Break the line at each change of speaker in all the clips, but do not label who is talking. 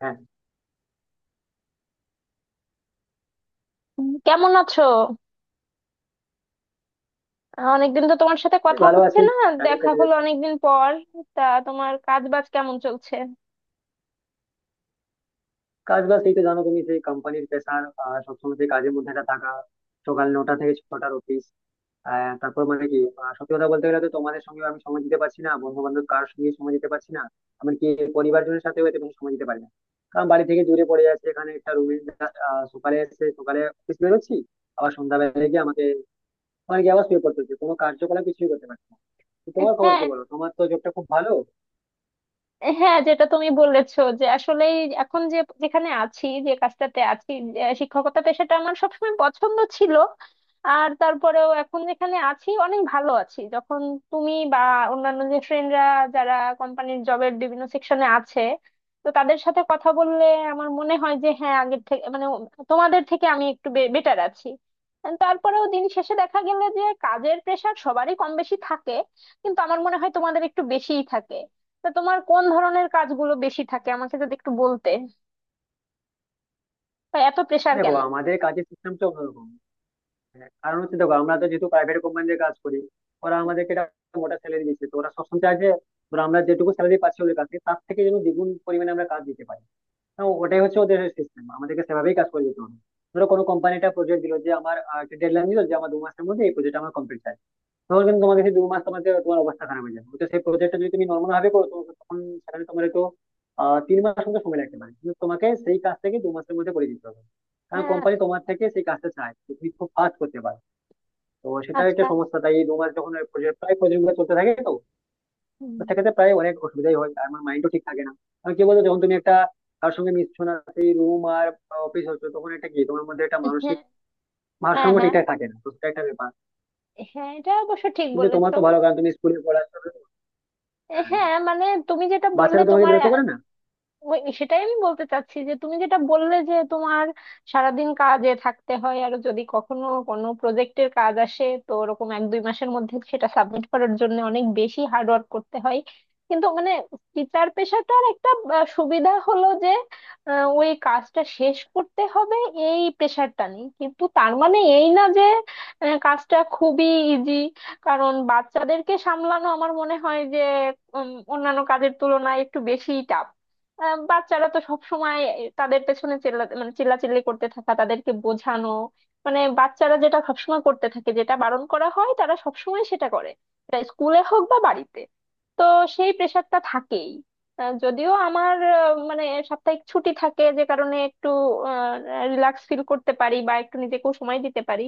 হ্যাঁ,
কেমন আছো? অনেকদিন তো তোমার সাথে
আমি
কথা
ভালো
হচ্ছে
আছি।
না।
টাইম
দেখা
কেটে
হলো
যাচ্ছে।
অনেকদিন পর। তা তোমার কাজ বাজ কেমন চলছে?
কাজ বাজ এই তো জানো তুমি, সেই কোম্পানির প্রেশার, সবসময় সেই কাজের মধ্যে একটা থাকা। সকাল 9টা থেকে 6টার অফিস। তারপর মানে কি সত্যি কথা বলতে গেলে তো তোমাদের সঙ্গে আমি সময় দিতে পারছি না, বন্ধু বান্ধব কারোর সঙ্গে সময় দিতে পারছি না। এমনকি পরিবারজনের সাথেও এতে কোনো সময় দিতে পারি না, কারণ বাড়ি থেকে দূরে পড়ে যাচ্ছে, এখানে একটা রুমে সকালে এসে সকালে অফিস বেরোচ্ছি, আবার সন্ধ্যাবেলা গিয়ে আমাকে মানে কি আবার শুয়ে পড়তে হচ্ছে, কোনো কার্যকলাপ কিছুই করতে পারছি না। তো তোমার খবর
হ্যাঁ,
কি বলো, তোমার তো জবটা খুব ভালো।
হ্যাঁ, যেটা তুমি বলেছো যে আসলে এখন যে যেখানে আছি, যে কাজটাতে আছি, যে শিক্ষকতা পেশাটা আমার সবসময় পছন্দ ছিল। আর তারপরেও এখন যেখানে আছি অনেক ভালো আছি। যখন তুমি বা অন্যান্য যে ফ্রেন্ডরা যারা কোম্পানির জবের বিভিন্ন সেকশনে আছে, তো তাদের সাথে কথা বললে আমার মনে হয় যে হ্যাঁ, আগের থেকে মানে তোমাদের থেকে আমি একটু বেটার আছি। তারপরেও দিন শেষে দেখা গেলে যে কাজের প্রেশার সবারই কম বেশি থাকে, কিন্তু আমার মনে হয় তোমাদের একটু বেশিই থাকে। তা তোমার কোন ধরনের কাজগুলো বেশি থাকে আমাকে যদি একটু বলতে, বা এত প্রেশার
দেখো,
কেন?
আমাদের কাজের সিস্টেমটা অন্যরকম। হ্যাঁ, কারণ হচ্ছে দেখো আমরা তো যেহেতু প্রাইভেট কোম্পানিতে কাজ করি, ওরা আমাদেরকে একটা মোটা স্যালারি দিচ্ছে, তো ওরা সবসময় চায় যে ধরো আমরা যেটুকু স্যালারি পাচ্ছি ওদের কাছে তার থেকে যেন দ্বিগুণ পরিমাণে আমরা কাজ দিতে পারি। তো ওটাই হচ্ছে ওদের সিস্টেম, আমাদেরকে সেভাবেই কাজ করে যেতে হবে। ধরো, কোনো কোম্পানি একটা প্রজেক্ট দিল, যে আমার একটা ডেডলাইন দিল যে আমার দু মাসের মধ্যে এই প্রজেক্ট আমার কমপ্লিট চাই। তখন কিন্তু তোমাদের সেই 2 মাস তোমাকে তোমার অবস্থা খারাপ হয়ে যাবে। তো সেই প্রজেক্টটা যদি তুমি নর্মাল ভাবে করো, তো তখন সেখানে তোমার তো 3 মাস মতো সময় লাগতে পারে, কিন্তু তোমাকে সেই কাজ থেকে 2 মাসের মধ্যে করে দিতে হবে, কারণ
হ্যাঁ।
কোম্পানি তোমার থেকে সেই কাজটা চায় যে তুমি খুব ফাস্ট করতে পারো। তো সেটা একটা
আচ্ছা।
সমস্যা। তাই এই 2 মাস যখন প্রজেক্ট প্রায় প্রজেক্ট গুলো চলতে থাকে তো,
হুম,
তো সেক্ষেত্রে প্রায় অনেক অসুবিধাই হয়, আর আমার মাইন্ডও ঠিক থাকে না। কারণ কি বলতো, যখন তুমি একটা কার সঙ্গে মিশছো না, সেই রুম আর অফিস হচ্ছে, তখন একটা কি তোমার মধ্যে একটা মানসিক
হ্যাঁ, হ্যাঁ,
ভারসাম্য
হ্যাঁ,
ঠিকঠাক থাকে না। তো সেটা একটা ব্যাপার।
হ্যাঁ এটা অবশ্য ঠিক
কিন্তু তোমার
বলেছো।
তো ভালো, কারণ তুমি স্কুলে পড়াশোনা। হ্যাঁ,
হ্যাঁ, মানে তুমি যেটা বললে
বাচ্চারা তোমাকে
তোমার
বিরক্ত করে না।
ওই সেটাই আমি বলতে চাচ্ছি যে তুমি যেটা বললে যে তোমার সারাদিন কাজে থাকতে হয় আর যদি কখনো কোনো প্রজেক্টের কাজ আসে তো ওরকম এক দুই মাসের মধ্যে সেটা সাবমিট করার জন্য অনেক বেশি হার্ড ওয়ার্ক করতে হয়। কিন্তু মানে টিচার পেশাটার একটা সুবিধা হলো যে ওই কাজটা শেষ করতে হবে এই প্রেশারটা নেই। কিন্তু তার মানে এই না যে কাজটা খুবই ইজি। কারণ বাচ্চাদেরকে সামলানো আমার মনে হয় যে অন্যান্য কাজের তুলনায় একটু বেশি টাফ। বাচ্চারা তো সব সময় তাদের পেছনে চেল্লা মানে চিল্লাচিল্লি করতে থাকা, তাদেরকে বোঝানো, মানে বাচ্চারা যেটা সবসময় করতে থাকে, যেটা বারণ করা হয়, তারা সবসময় সেটা করে, সেটা স্কুলে হোক বা বাড়িতে। তো সেই প্রেশারটা থাকেই। যদিও আমার মানে সাপ্তাহিক ছুটি থাকে যে কারণে একটু রিল্যাক্স ফিল করতে পারি বা একটু নিজেকেও সময় দিতে পারি।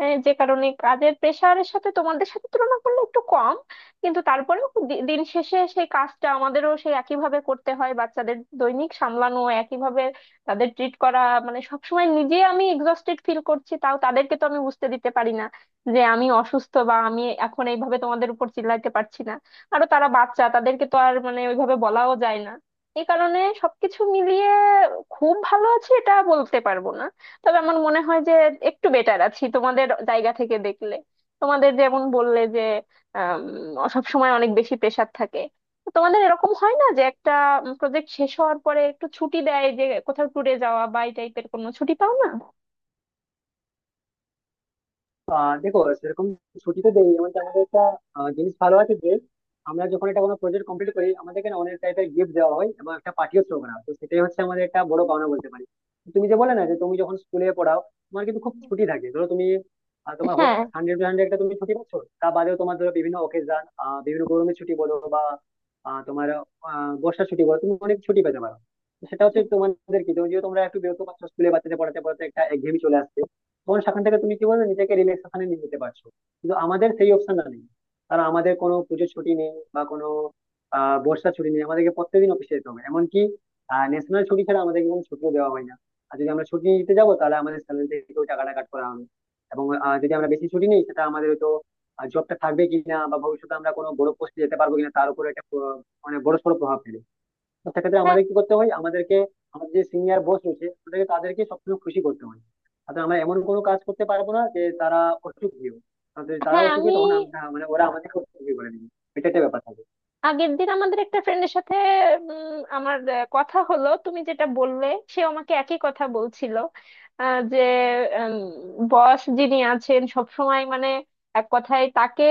যে কারণে কাজের প্রেশারের সাথে তোমাদের সাথে তুলনা করলে একটু কম। কিন্তু তারপরেও দিন শেষে সেই কাজটা আমাদেরও সেই একইভাবে করতে হয়, বাচ্চাদের দৈনিক সামলানো একইভাবে, তাদের ট্রিট করা, মানে সবসময় নিজে আমি এক্সস্টেড ফিল করছি তাও তাদেরকে তো আমি বুঝতে দিতে পারি না যে আমি অসুস্থ বা আমি এখন এইভাবে তোমাদের উপর চিল্লাইতে পারছি না। আরো তারা বাচ্চা, তাদেরকে তো আর মানে ওইভাবে বলাও যায় না। এই কারণে সবকিছু মিলিয়ে খুব ভালো আছি এটা বলতে পারবো না। তবে আমার মনে হয় যে একটু বেটার আছি তোমাদের জায়গা থেকে দেখলে। তোমাদের যেমন বললে যে সব সময় অনেক বেশি প্রেসার থাকে, তো তোমাদের এরকম হয় না যে একটা প্রজেক্ট শেষ হওয়ার পরে একটু ছুটি দেয় যে কোথাও ট্যুরে যাওয়া বা এই টাইপের কোনো ছুটি পাও না?
দেখো, সেরকম ছুটি তো দেই। এমনকি আমাদের একটা জিনিস ভালো আছে যে আমরা যখন একটা কোনো প্রজেক্ট কমপ্লিট করি, আমাদেরকে না অনেক টাইপের গিফট দেওয়া হয় এবং একটা পার্টিও থ্রো করা হয়। তো সেটাই হচ্ছে আমাদের একটা বড় পাওনা বলতে পারি। তুমি যে বলে না, যে তুমি যখন স্কুলে পড়াও, তোমার কিন্তু খুব ছুটি থাকে। ধরো তুমি তোমার
হ্যাঁ।
100 টু 100 একটা তুমি ছুটি পাচ্ছ। তা বাদেও তোমার ধরো বিভিন্ন অকেশন, বিভিন্ন গরমের ছুটি বলো বা তোমার বর্ষার ছুটি বলো, তুমি অনেক ছুটি পেতে পারো। তো সেটা হচ্ছে
হুম।
তোমাদের কি, যদিও তোমরা একটু বিরক্ত পাচ্ছ স্কুলে বাচ্চাদের পড়াতে পড়াতে একটা একঘেয়েমি চলে আসছে, তখন সেখান থেকে তুমি কি বলবে, নিজেকে রিল্যাক্সেশনে নিয়ে যেতে পারছো। কিন্তু আমাদের সেই অপশনটা নেই, কারণ আমাদের কোনো পুজোর ছুটি নেই বা কোনো বর্ষার ছুটি নেই, আমাদেরকে প্রত্যেকদিন অফিসে যেতে হবে। এমনকি ন্যাশনাল ছুটি ছাড়া আমাদেরকে কোনো ছুটিও দেওয়া হয় না। আর যদি আমরা ছুটি নিতে যাবো, তাহলে আমাদের স্যালারি থেকেও টাকাটা কাট করা হবে, এবং যদি আমরা বেশি ছুটি নিই সেটা আমাদের হয়তো জবটা থাকবে কিনা বা ভবিষ্যতে আমরা কোনো বড় পোস্টে যেতে পারবো কিনা, তার উপর একটা মানে বড় সড় প্রভাব ফেলে। তো সেক্ষেত্রে
হ্যাঁ,
আমাদের কি করতে হয়, আমাদেরকে আমাদের যে সিনিয়র বস রয়েছে ওদেরকে, তাদেরকে সবসময় খুশি করতে হয়। অর্থাৎ আমরা এমন কোনো কাজ করতে পারবো না যে তারা অসুখী হোক। অর্থাৎ যদি তারা
হ্যাঁ।
অসুখী,
আমি
তখন আমরা মানে ওরা আমাদেরকে অসুখী করে দিবে। এটা একটা ব্যাপার থাকে।
আগের দিন আমাদের একটা ফ্রেন্ডের সাথে আমার কথা হলো, তুমি যেটা বললে সে আমাকে একই কথা বলছিল। যে বস যিনি আছেন সব সময় মানে এক কথায় তাকে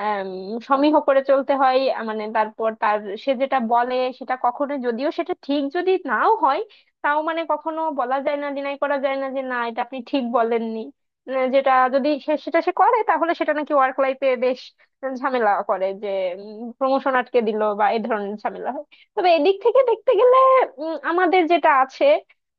আম, সমীহ করে চলতে হয়। মানে তারপর তার সে যেটা বলে সেটা কখনো, যদিও সেটা ঠিক যদি নাও হয় তাও মানে কখনো বলা যায় না, ডিনাই করা যায় না যে না এটা আপনি ঠিক বলেননি। যেটা যদি সেটা সে করে তাহলে সেটা নাকি ওয়ার্ক লাইফে বেশ ঝামেলা করে, যে প্রমোশন আটকে দিল বা এই ধরনের ঝামেলা হয়। তবে এদিক থেকে দেখতে গেলে আমাদের যেটা আছে,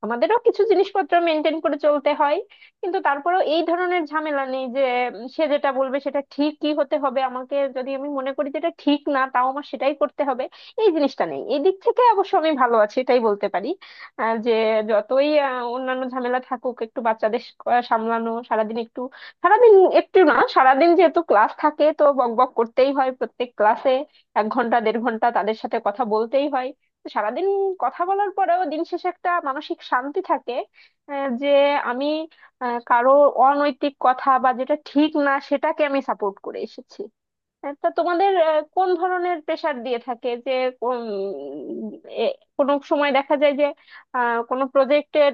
আমাদেরও কিছু জিনিসপত্র মেনটেন করে চলতে হয়। কিন্তু তারপরেও এই ধরনের ঝামেলা নেই যে সে যেটা বলবে সেটা ঠিকই হতে হবে আমাকে, যদি আমি মনে করি যেটা ঠিক না তাও আমার সেটাই করতে হবে, এই জিনিসটা নেই। এই দিক থেকে অবশ্য আমি ভালো আছি এটাই বলতে পারি। যে যতই অন্যান্য ঝামেলা থাকুক, একটু বাচ্চাদের সামলানো সারাদিন একটু সারাদিন একটু না সারাদিন যেহেতু ক্লাস থাকে তো বক বক করতেই হয় প্রত্যেক ক্লাসে, এক ঘন্টা দেড় ঘন্টা তাদের সাথে কথা বলতেই হয়। তো সারাদিন কথা বলার পরেও দিন শেষে একটা মানসিক শান্তি থাকে যে আমি কারো অনৈতিক কথা বা যেটা ঠিক না সেটাকে আমি সাপোর্ট করে এসেছি। হ্যাঁ, তা তোমাদের কোন ধরনের প্রেসার দিয়ে থাকে, যে কোন এ, কোনো সময় দেখা যায় যে কোনো প্রজেক্টের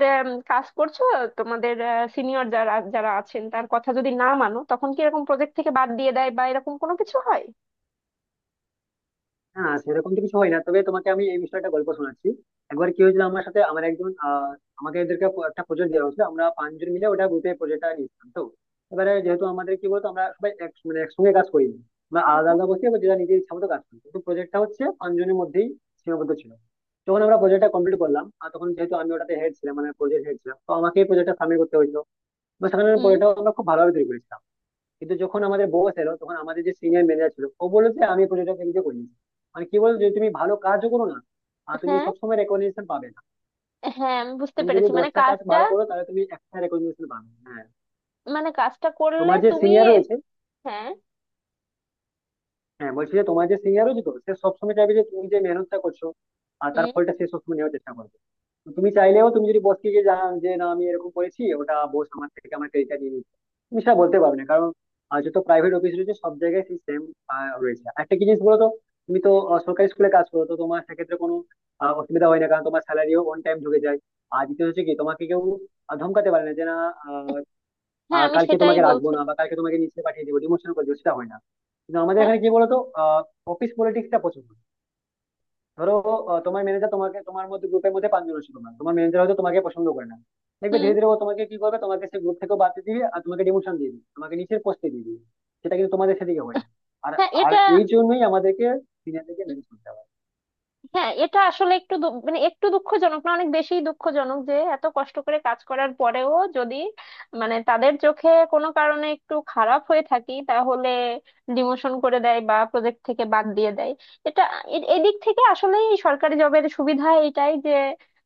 কাজ করছো তোমাদের সিনিয়র যারা যারা আছেন তার কথা যদি না মানো তখন কি এরকম প্রজেক্ট থেকে বাদ দিয়ে দেয় বা এরকম কোনো কিছু হয়?
না, সেরকম তো কিছু হয় না, তবে তোমাকে আমি এই বিষয়ে একটা গল্প শোনাচ্ছি। একবার কি হয়েছিল আমার সাথে, আমার একজন আমাকে এদেরকে একটা প্রজেক্ট দেওয়া হয়েছিল, আমরা পাঁচজন মিলে ওটা গ্রুপে প্রজেক্টটা নিয়েছিলাম। তো এবারে যেহেতু আমাদের কি বলতো, আমরা সবাই এক মানে একসঙ্গে কাজ করি না। আমরা আলাদা
হুম।
আলাদা বসে এবার যেটা নিজের ইচ্ছা মতো কাজ করি, কিন্তু প্রজেক্টটা হচ্ছে পাঁচজনের মধ্যেই সীমাবদ্ধ ছিল। যখন আমরা প্রজেক্টটা কমপ্লিট করলাম, আর তখন যেহেতু আমি ওটাতে হেড ছিলাম মানে প্রজেক্ট হেড ছিলাম, তো আমাকে এই প্রজেক্টটা সাবমিট করতে হয়েছিল বা সেখানে
হুম।
প্রজেক্টটা আমরা খুব ভালোভাবে তৈরি করেছিলাম। কিন্তু যখন আমাদের বস এলো, তখন আমাদের যে সিনিয়র ম্যানেজার ছিল ও বললো যে আমি প্রজেক্টটা নিজে করে নিচ্ছি। মানে কি বলতো, যদি তুমি ভালো কাজও করো না, আর তুমি
হ্যাঁ,
সবসময় রেকগনিশন পাবে না।
হ্যাঁ আমি বুঝতে
তুমি যদি
পেরেছি মানে
10টা কাজ
কাজটা,
ভালো করো, তাহলে তুমি একটা রেকগনিশন পাবে। হ্যাঁ,
মানে কাজটা করলে
তোমার যে
তুমি।
সিনিয়র রয়েছে,
হ্যাঁ।
হ্যাঁ বলছি যে তোমার যে সিনিয়র রয়েছে, তো সে সবসময় চাইবে যে তুমি যে মেহনতটা করছো আর তার
হুম।
ফলটা সে সবসময় নেওয়ার চেষ্টা করবে। তো তুমি চাইলেও, তুমি যদি বসকে গিয়ে জানান যে না আমি এরকম করেছি ওটা বস আমার থেকে আমার ক্রেডিটটা নিয়ে নিচ্ছে, তুমি সেটা বলতে পারবে না। কারণ যত প্রাইভেট অফিস রয়েছে সব জায়গায় সেই সেম রয়েছে। একটা কি জিনিস বলো তো, তুমি তো সরকারি স্কুলে কাজ করো, তো তোমার সেক্ষেত্রে কোনো অসুবিধা হয় না, কারণ তোমার স্যালারিও অন টাইম ঢুকে যায়। আর দ্বিতীয় হচ্ছে কি, তোমাকে কেউ ধমকাতে পারে না যে না আহ,
হ্যাঁ
আহ,
আমি
কালকে
সেটাই
তোমাকে রাখবো না
বলছিলাম।
বা কালকে তোমাকে নিচে পাঠিয়ে দিবো, ডিমোশন করে দিবো, সেটা হয় না। কিন্তু আমাদের
হ্যাঁ,
এখানে কি বলতো, অফিস পলিটিক্সটা প্রচুর। ধরো
হ্যাঁ।
তোমার ম্যানেজার তোমাকে, তোমার মধ্যে গ্রুপের মধ্যে পাঁচজন আছে, তোমার তোমার ম্যানেজার হয়তো তোমাকে পছন্দ করে না। দেখবে
হুম।
ধীরে ধীরে ও তোমাকে কি করবে, তোমাকে সেই গ্রুপ থেকে বাদ দিয়ে দিবে আর তোমাকে ডিমোশন দিয়ে দিবে, তোমাকে নিচের পোস্টে দিয়ে দিবে। সেটা কিন্তু তোমাদের সেদিকে হয় না। আর
হ্যাঁ।
আর
এটা।
এই জন্যই আমাদেরকে সিনিয়রদেরকে ম্যানেজ করতে হবে।
হ্যাঁ এটা আসলে একটু মানে একটু দুঃখজনক না অনেক বেশি দুঃখজনক যে এত কষ্ট করে কাজ করার পরেও যদি মানে তাদের চোখে কোনো কারণে একটু খারাপ হয়ে থাকি তাহলে ডিমোশন করে দেয় বা প্রজেক্ট থেকে বাদ দিয়ে দেয়, এটা এদিক থেকে আসলে সরকারি জবের সুবিধা এটাই যে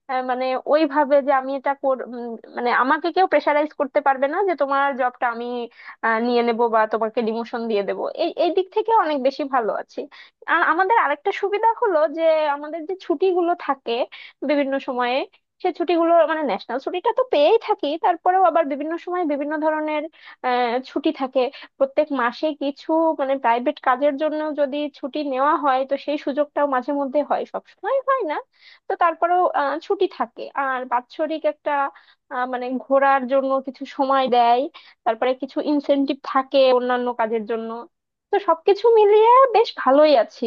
মানে ওইভাবে যে আমি এটা মানে আমাকে কেউ প্রেশারাইজ করতে পারবে না যে তোমার জবটা আমি নিয়ে নেব বা তোমাকে ডিমোশন দিয়ে দেবো, এই এই দিক থেকে অনেক বেশি ভালো আছি। আর আমাদের আরেকটা সুবিধা হলো যে আমাদের যে ছুটিগুলো থাকে বিভিন্ন সময়ে, সে ছুটিগুলো মানে ন্যাশনাল ছুটিটা তো পেয়েই থাকি তারপরেও আবার বিভিন্ন সময় বিভিন্ন ধরনের ছুটি থাকে প্রত্যেক মাসে কিছু, মানে প্রাইভেট কাজের জন্য যদি ছুটি নেওয়া হয় তো সেই সুযোগটাও মাঝে মধ্যে হয় সব সময় হয় না। তো তারপরেও ছুটি থাকে, আর বাৎসরিক একটা মানে ঘোরার জন্য কিছু সময় দেয়, তারপরে কিছু ইনসেনটিভ থাকে অন্যান্য কাজের জন্য। তো সবকিছু মিলিয়ে আচ্ছা, বেশ ভালোই আছি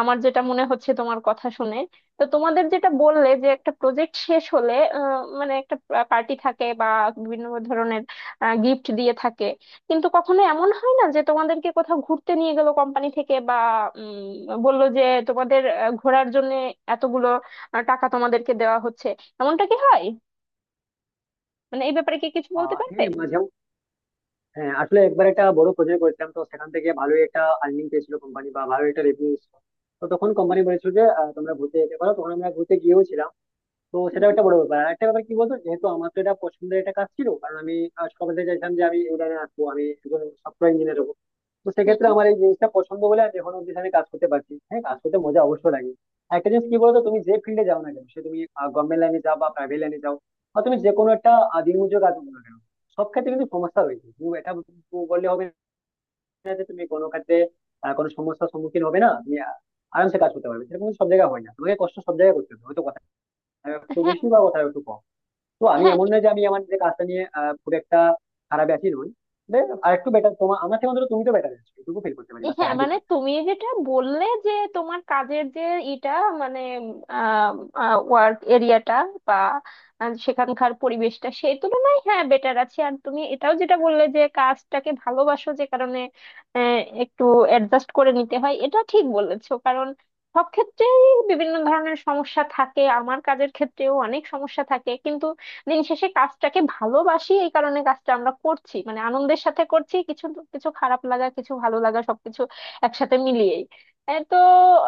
আমার যেটা মনে হচ্ছে তোমার কথা শুনে। তো তোমাদের যেটা বললে যে একটা প্রজেক্ট শেষ হলে মানে একটা পার্টি থাকে বা বিভিন্ন ধরনের গিফট দিয়ে থাকে, কিন্তু কখনো এমন হয় না যে তোমাদেরকে কোথাও ঘুরতে নিয়ে গেল কোম্পানি থেকে বা বললো যে তোমাদের ঘোরার জন্য এতগুলো টাকা তোমাদেরকে দেওয়া হচ্ছে, এমনটা কি হয়? মানে এই ব্যাপারে কি কিছু বলতে পারবে?
হ্যাঁ, মাঝে, হ্যাঁ আসলে একবার একটা বড় প্রজেক্ট করেছিলাম তো সেখান থেকে ভালোই একটা আর্নিং পেয়েছিল কোম্পানি বা ভালো একটা রেভিনিউ। তো তখন কোম্পানি বলেছিল যে তোমরা ঘুরতে যেতে পারো, তখন আমরা ঘুরতে গিয়েও ছিলাম। তো সেটা
হুম।
একটা বড় ব্যাপার। আর একটা ব্যাপার কি বলতো, যেহেতু আমার তো এটা পছন্দের একটা কাজ ছিল, কারণ আমি সকাল থেকে চাইছিলাম যে আমি এই লাইনে আসবো, আমি একজন সফটওয়্যার ইঞ্জিনিয়ার হবো। তো
হুম।
সেক্ষেত্রে আমার এই জিনিসটা পছন্দ বলে আমি এখন অব্দি এখানে কাজ করতে পারছি। হ্যাঁ, কাজ করতে মজা অবশ্যই লাগে। আর একটা জিনিস কি বলতো, তুমি যে ফিল্ডে যাও না কেন, সে তুমি গভর্নমেন্ট লাইনে যাও বা প্রাইভেট লাইনে যাও, বা তুমি
হুম।
যে কোনো একটা দিনমজুর কাজ করো না কেন, সব ক্ষেত্রে কিন্তু সমস্যা রয়েছে। তুমি এটা বললে হবে না যে তুমি কোনো ক্ষেত্রে কোনো সমস্যার সম্মুখীন হবে না, তুমি আরামসে কাজ করতে পারবে, সেরকম কিন্তু সব জায়গায় হয় না। তোমাকে কষ্ট সব জায়গায় করতে হবে, হয়তো কোথাও একটু
হ্যাঁ,
বেশি বা কোথাও একটু কম। তো আমি
হ্যাঁ,
এমন না যে আমি আমার যে কাজটা নিয়ে খুব একটা খারাপ আছি নই। আর একটু বেটার, তোমার আমার থেকে অন্তত তুমি তো বেটার আছো, এটুকু ফিল করতে পারি বা স্যার।
হ্যাঁ মানে তুমি যেটা বললে যে তোমার কাজের যে এটা মানে ওয়ার্ক এরিয়াটা বা সেখানকার পরিবেশটা সেই তুলনায় হ্যাঁ বেটার আছে, আর তুমি এটাও যেটা বললে যে কাজটাকে ভালোবাসো যে কারণে আহ, একটু অ্যাডজাস্ট করে নিতে হয়, এটা ঠিক বলেছো কারণ সব ক্ষেত্রেই বিভিন্ন ধরনের সমস্যা থাকে, আমার কাজের ক্ষেত্রেও অনেক সমস্যা থাকে কিন্তু দিন শেষে কাজটাকে ভালোবাসি এই কারণে কাজটা আমরা করছি মানে আনন্দের সাথে করছি। কিছু কিছু খারাপ লাগা, কিছু ভালো লাগা সবকিছু একসাথে মিলিয়েই এ তো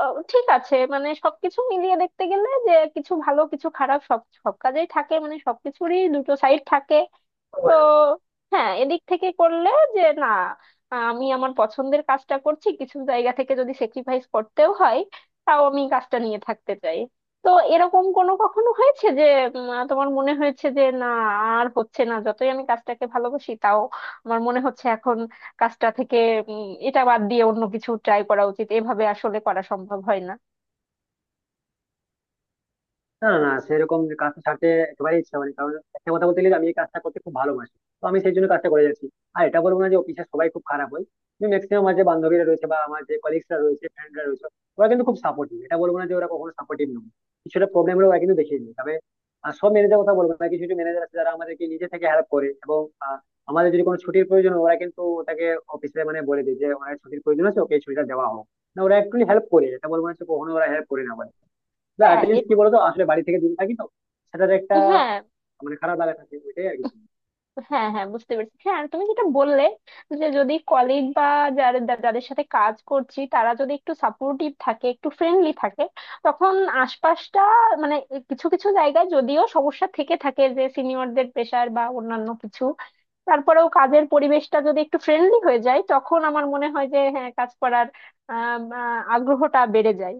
ঠিক আছে, মানে সবকিছু মিলিয়ে দেখতে গেলে যে কিছু ভালো কিছু খারাপ সব সব কাজেই থাকে মানে সবকিছুরই দুটো সাইড থাকে। তো
অবশ্যই।
হ্যাঁ এদিক থেকে করলে যে না আমি আমার পছন্দের কাজটা করছি, কিছু জায়গা থেকে যদি স্যাক্রিফাইস করতেও হয় তাও আমি কাজটা নিয়ে থাকতে চাই। তো এরকম কোনো কখনো হয়েছে যে তোমার মনে হয়েছে যে না আর হচ্ছে না, যতই আমি কাজটাকে ভালোবাসি তাও আমার মনে হচ্ছে এখন কাজটা থেকে এটা বাদ দিয়ে অন্য কিছু ট্রাই করা উচিত, এভাবে আসলে করা সম্ভব হয় না।
না, না, না, সেরকম যে কাজটা ছাড়তে একেবারেই ইচ্ছা হয়নি, কারণ একটা কথা বলতে গেলে আমি এই কাজটা করতে খুব ভালোবাসি, তো আমি সেই জন্য কাজটা করে যাচ্ছি। আর এটা বলবো না যে অফিসে সবাই খুব খারাপ হয়, কিন্তু ম্যাক্সিমাম আমার যে বান্ধবীরা রয়েছে বা আমার যে কলিগসরা রয়েছে, ফ্রেন্ডরা রয়েছে, ওরা কিন্তু খুব সাপোর্টিভ। এটা বলবো না যে ওরা কখনো সাপোর্টিভ নয়। কিছুটা প্রবলেম হলে ওরা কিন্তু দেখিয়ে দেয়। তবে সব ম্যানেজার কথা বলবো না, কিছু কিছু ম্যানেজার আছে যারা আমাদেরকে নিজে থেকে হেল্প করে, এবং আহ, আমাদের যদি কোনো ছুটির প্রয়োজন হয়, ওরা কিন্তু ওটাকে অফিসে মানে বলে দেয় যে ওনার ছুটির প্রয়োজন আছে, ওকে এই ছুটিটা দেওয়া হোক। না, ওরা একটু হেল্প করে, এটা বলবো না যে কখনো ওরা হেল্প করে না। না,
হ্যাঁ
অ্যাটেন্ডেন্স কি বলতো, আসলে বাড়ি থেকে দূরে থাকি তো, সেটার একটা
হ্যাঁ,
মানে খারাপ লাগা থাকে, ওইটাই আর কিছু না।
হ্যাঁ, হ্যাঁ বুঝতে পেরেছি, হ্যাঁ আর তুমি যেটা বললে যে যদি কলিগ বা যারা যাদের সাথে কাজ করছি তারা যদি একটু সাপোর্টিভ থাকে একটু ফ্রেন্ডলি থাকে তখন আশপাশটা মানে কিছু কিছু জায়গায় যদিও সমস্যা থেকে থাকে যে সিনিয়রদের প্রেশার বা অন্যান্য কিছু, তারপরেও কাজের পরিবেশটা যদি একটু ফ্রেন্ডলি হয়ে যায় তখন আমার মনে হয় যে হ্যাঁ কাজ করার আগ্রহটা বেড়ে যায়।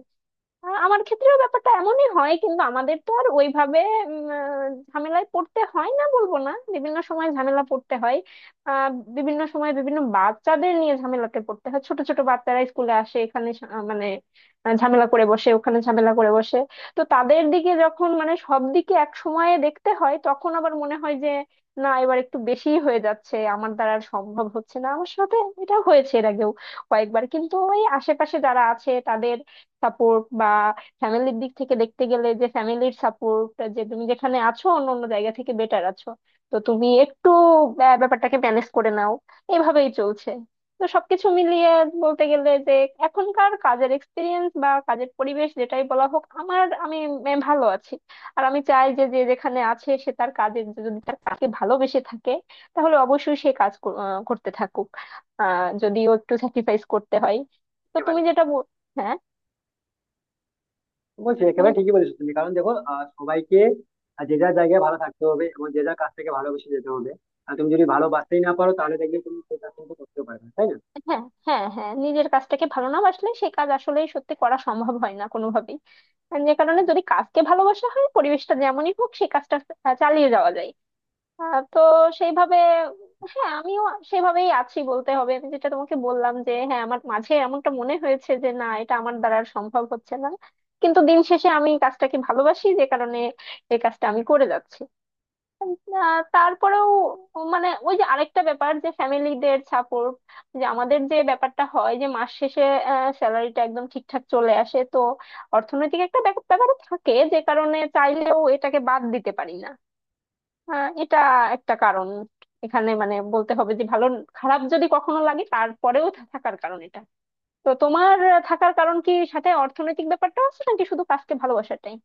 আমার ক্ষেত্রেও ব্যাপারটা এমনই হয় কিন্তু আমাদের তো আর ওইভাবে ঝামেলায় পড়তে হয় না বলবো না, বিভিন্ন সময় ঝামেলা পড়তে হয়। আহ বিভিন্ন সময় বিভিন্ন বাচ্চাদের নিয়ে ঝামেলাতে পড়তে হয়, ছোট ছোট বাচ্চারা স্কুলে আসে, এখানে মানে ঝামেলা করে বসে ওখানে ঝামেলা করে বসে। তো তাদের দিকে যখন মানে সব দিকে এক সময়ে দেখতে হয় তখন আবার মনে হয় যে না এবার একটু বেশিই হয়ে যাচ্ছে আমার দ্বারা আর সম্ভব হচ্ছে না আমার সাথে। এটা হয়েছে এর আগেও কয়েকবার, কিন্তু ওই আশেপাশে যারা আছে তাদের সাপোর্ট বা ফ্যামিলির দিক থেকে দেখতে গেলে যে ফ্যামিলির সাপোর্ট যে তুমি যেখানে আছো অন্য অন্য জায়গা থেকে বেটার আছো, তো তুমি একটু ব্যাপারটাকে ম্যানেজ করে নাও, এইভাবেই চলছে। তো সবকিছু মিলিয়ে বলতে গেলে যে এখনকার কাজের এক্সপিরিয়েন্স বা কাজের পরিবেশ যেটাই বলা হোক আমার, আমি ভালো আছি। আর আমি চাই যে যে যেখানে আছে সে তার কাজের যদি তার কাজকে ভালোবেসে থাকে তাহলে অবশ্যই সে কাজ করতে থাকুক, যদিও একটু স্যাক্রিফাইস করতে হয়। তো তুমি
একেবারে না।
যেটা হ্যাঁ
বলছি
তুমি।
একেবারে ঠিকই বলেছো তুমি, কারণ দেখো সবাইকে যে যার জায়গায় ভালো থাকতে হবে এবং যে যার কাছ থেকে ভালোবেসে যেতে হবে। আর তুমি যদি ভালোবাসতেই না পারো, তাহলে দেখবে তুমি সেই কাজ কিন্তু করতেও পারবে না, তাই না?
হ্যাঁ, হ্যাঁ, হ্যাঁ নিজের কাজটাকে ভালো না বাসলে সে কাজ আসলে সত্যি করা সম্ভব হয় না কোনোভাবেই, আর যে কারণে যদি কাজকে ভালোবাসা হয় পরিবেশটা যেমনই হোক সেই কাজটা চালিয়ে যাওয়া যায়। তো সেইভাবে হ্যাঁ আমিও সেভাবেই আছি বলতে হবে। আমি যেটা তোমাকে বললাম যে হ্যাঁ আমার মাঝে এমনটা মনে হয়েছে যে না এটা আমার দ্বারা আর সম্ভব হচ্ছে না কিন্তু দিন শেষে আমি কাজটাকে ভালোবাসি যে কারণে এই কাজটা আমি করে যাচ্ছি। না, তারপরেও মানে ওই যে আরেকটা ব্যাপার যে ফ্যামিলিদের সাপোর্ট যে আমাদের যে ব্যাপারটা হয় যে মাস শেষে স্যালারিটা একদম ঠিকঠাক চলে আসে তো অর্থনৈতিক একটা ব্যাপার ব্যাপার থাকে যে কারণে চাইলেও এটাকে বাদ দিতে পারি না। এটা একটা কারণ এখানে মানে বলতে হবে যে ভালো খারাপ যদি কখনো লাগে তারপরেও থাকার কারণ এটা। তো তোমার থাকার কারণ কি সাথে অর্থনৈতিক ব্যাপারটা আছে নাকি শুধু কাজকে ভালোবাসাটাই?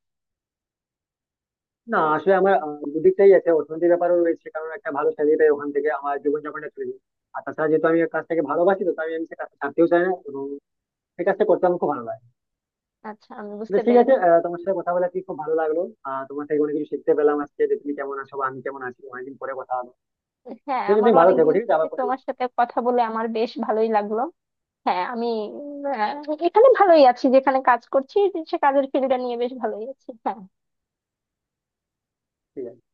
না, আসলে আমার দুদিকটাই আছে, অর্থনীতির ব্যাপারও রয়েছে, কারণ একটা ভালো স্যালারি পাই, ওখান থেকে আমার জীবনযাপনটা চলে যায়। আর তাছাড়া যেহেতু আমি কাজটাকে ভালোবাসি, তো তাই আমি সে কাজটা ছাড়তেও চাই না, এবং সে কাজটা করতে আমার খুব ভালো লাগে।
আচ্ছা আমি
তো
বুঝতে
ঠিক আছে,
পেরেছি।
তোমার সাথে কথা বলে কি খুব ভালো লাগলো। তোমার থেকে অনেক কিছু শিখতে পেলাম আজকে, যে তুমি কেমন আছো বা আমি কেমন আছি, অনেকদিন পরে কথা হলো।
হ্যাঁ
ঠিক আছে, তুমি
আমারও
ভালো থেকো।
অনেকদিন
ঠিক আছে,
থেকে
আবার পরে কথা
তোমার
হবে।
সাথে কথা বলে আমার বেশ ভালোই লাগলো। হ্যাঁ আমি আহ, এখানে ভালোই আছি যেখানে কাজ করছি, সে কাজের ফিল্ডটা নিয়ে বেশ ভালোই আছি। হ্যাঁ।
ঠিক আছে।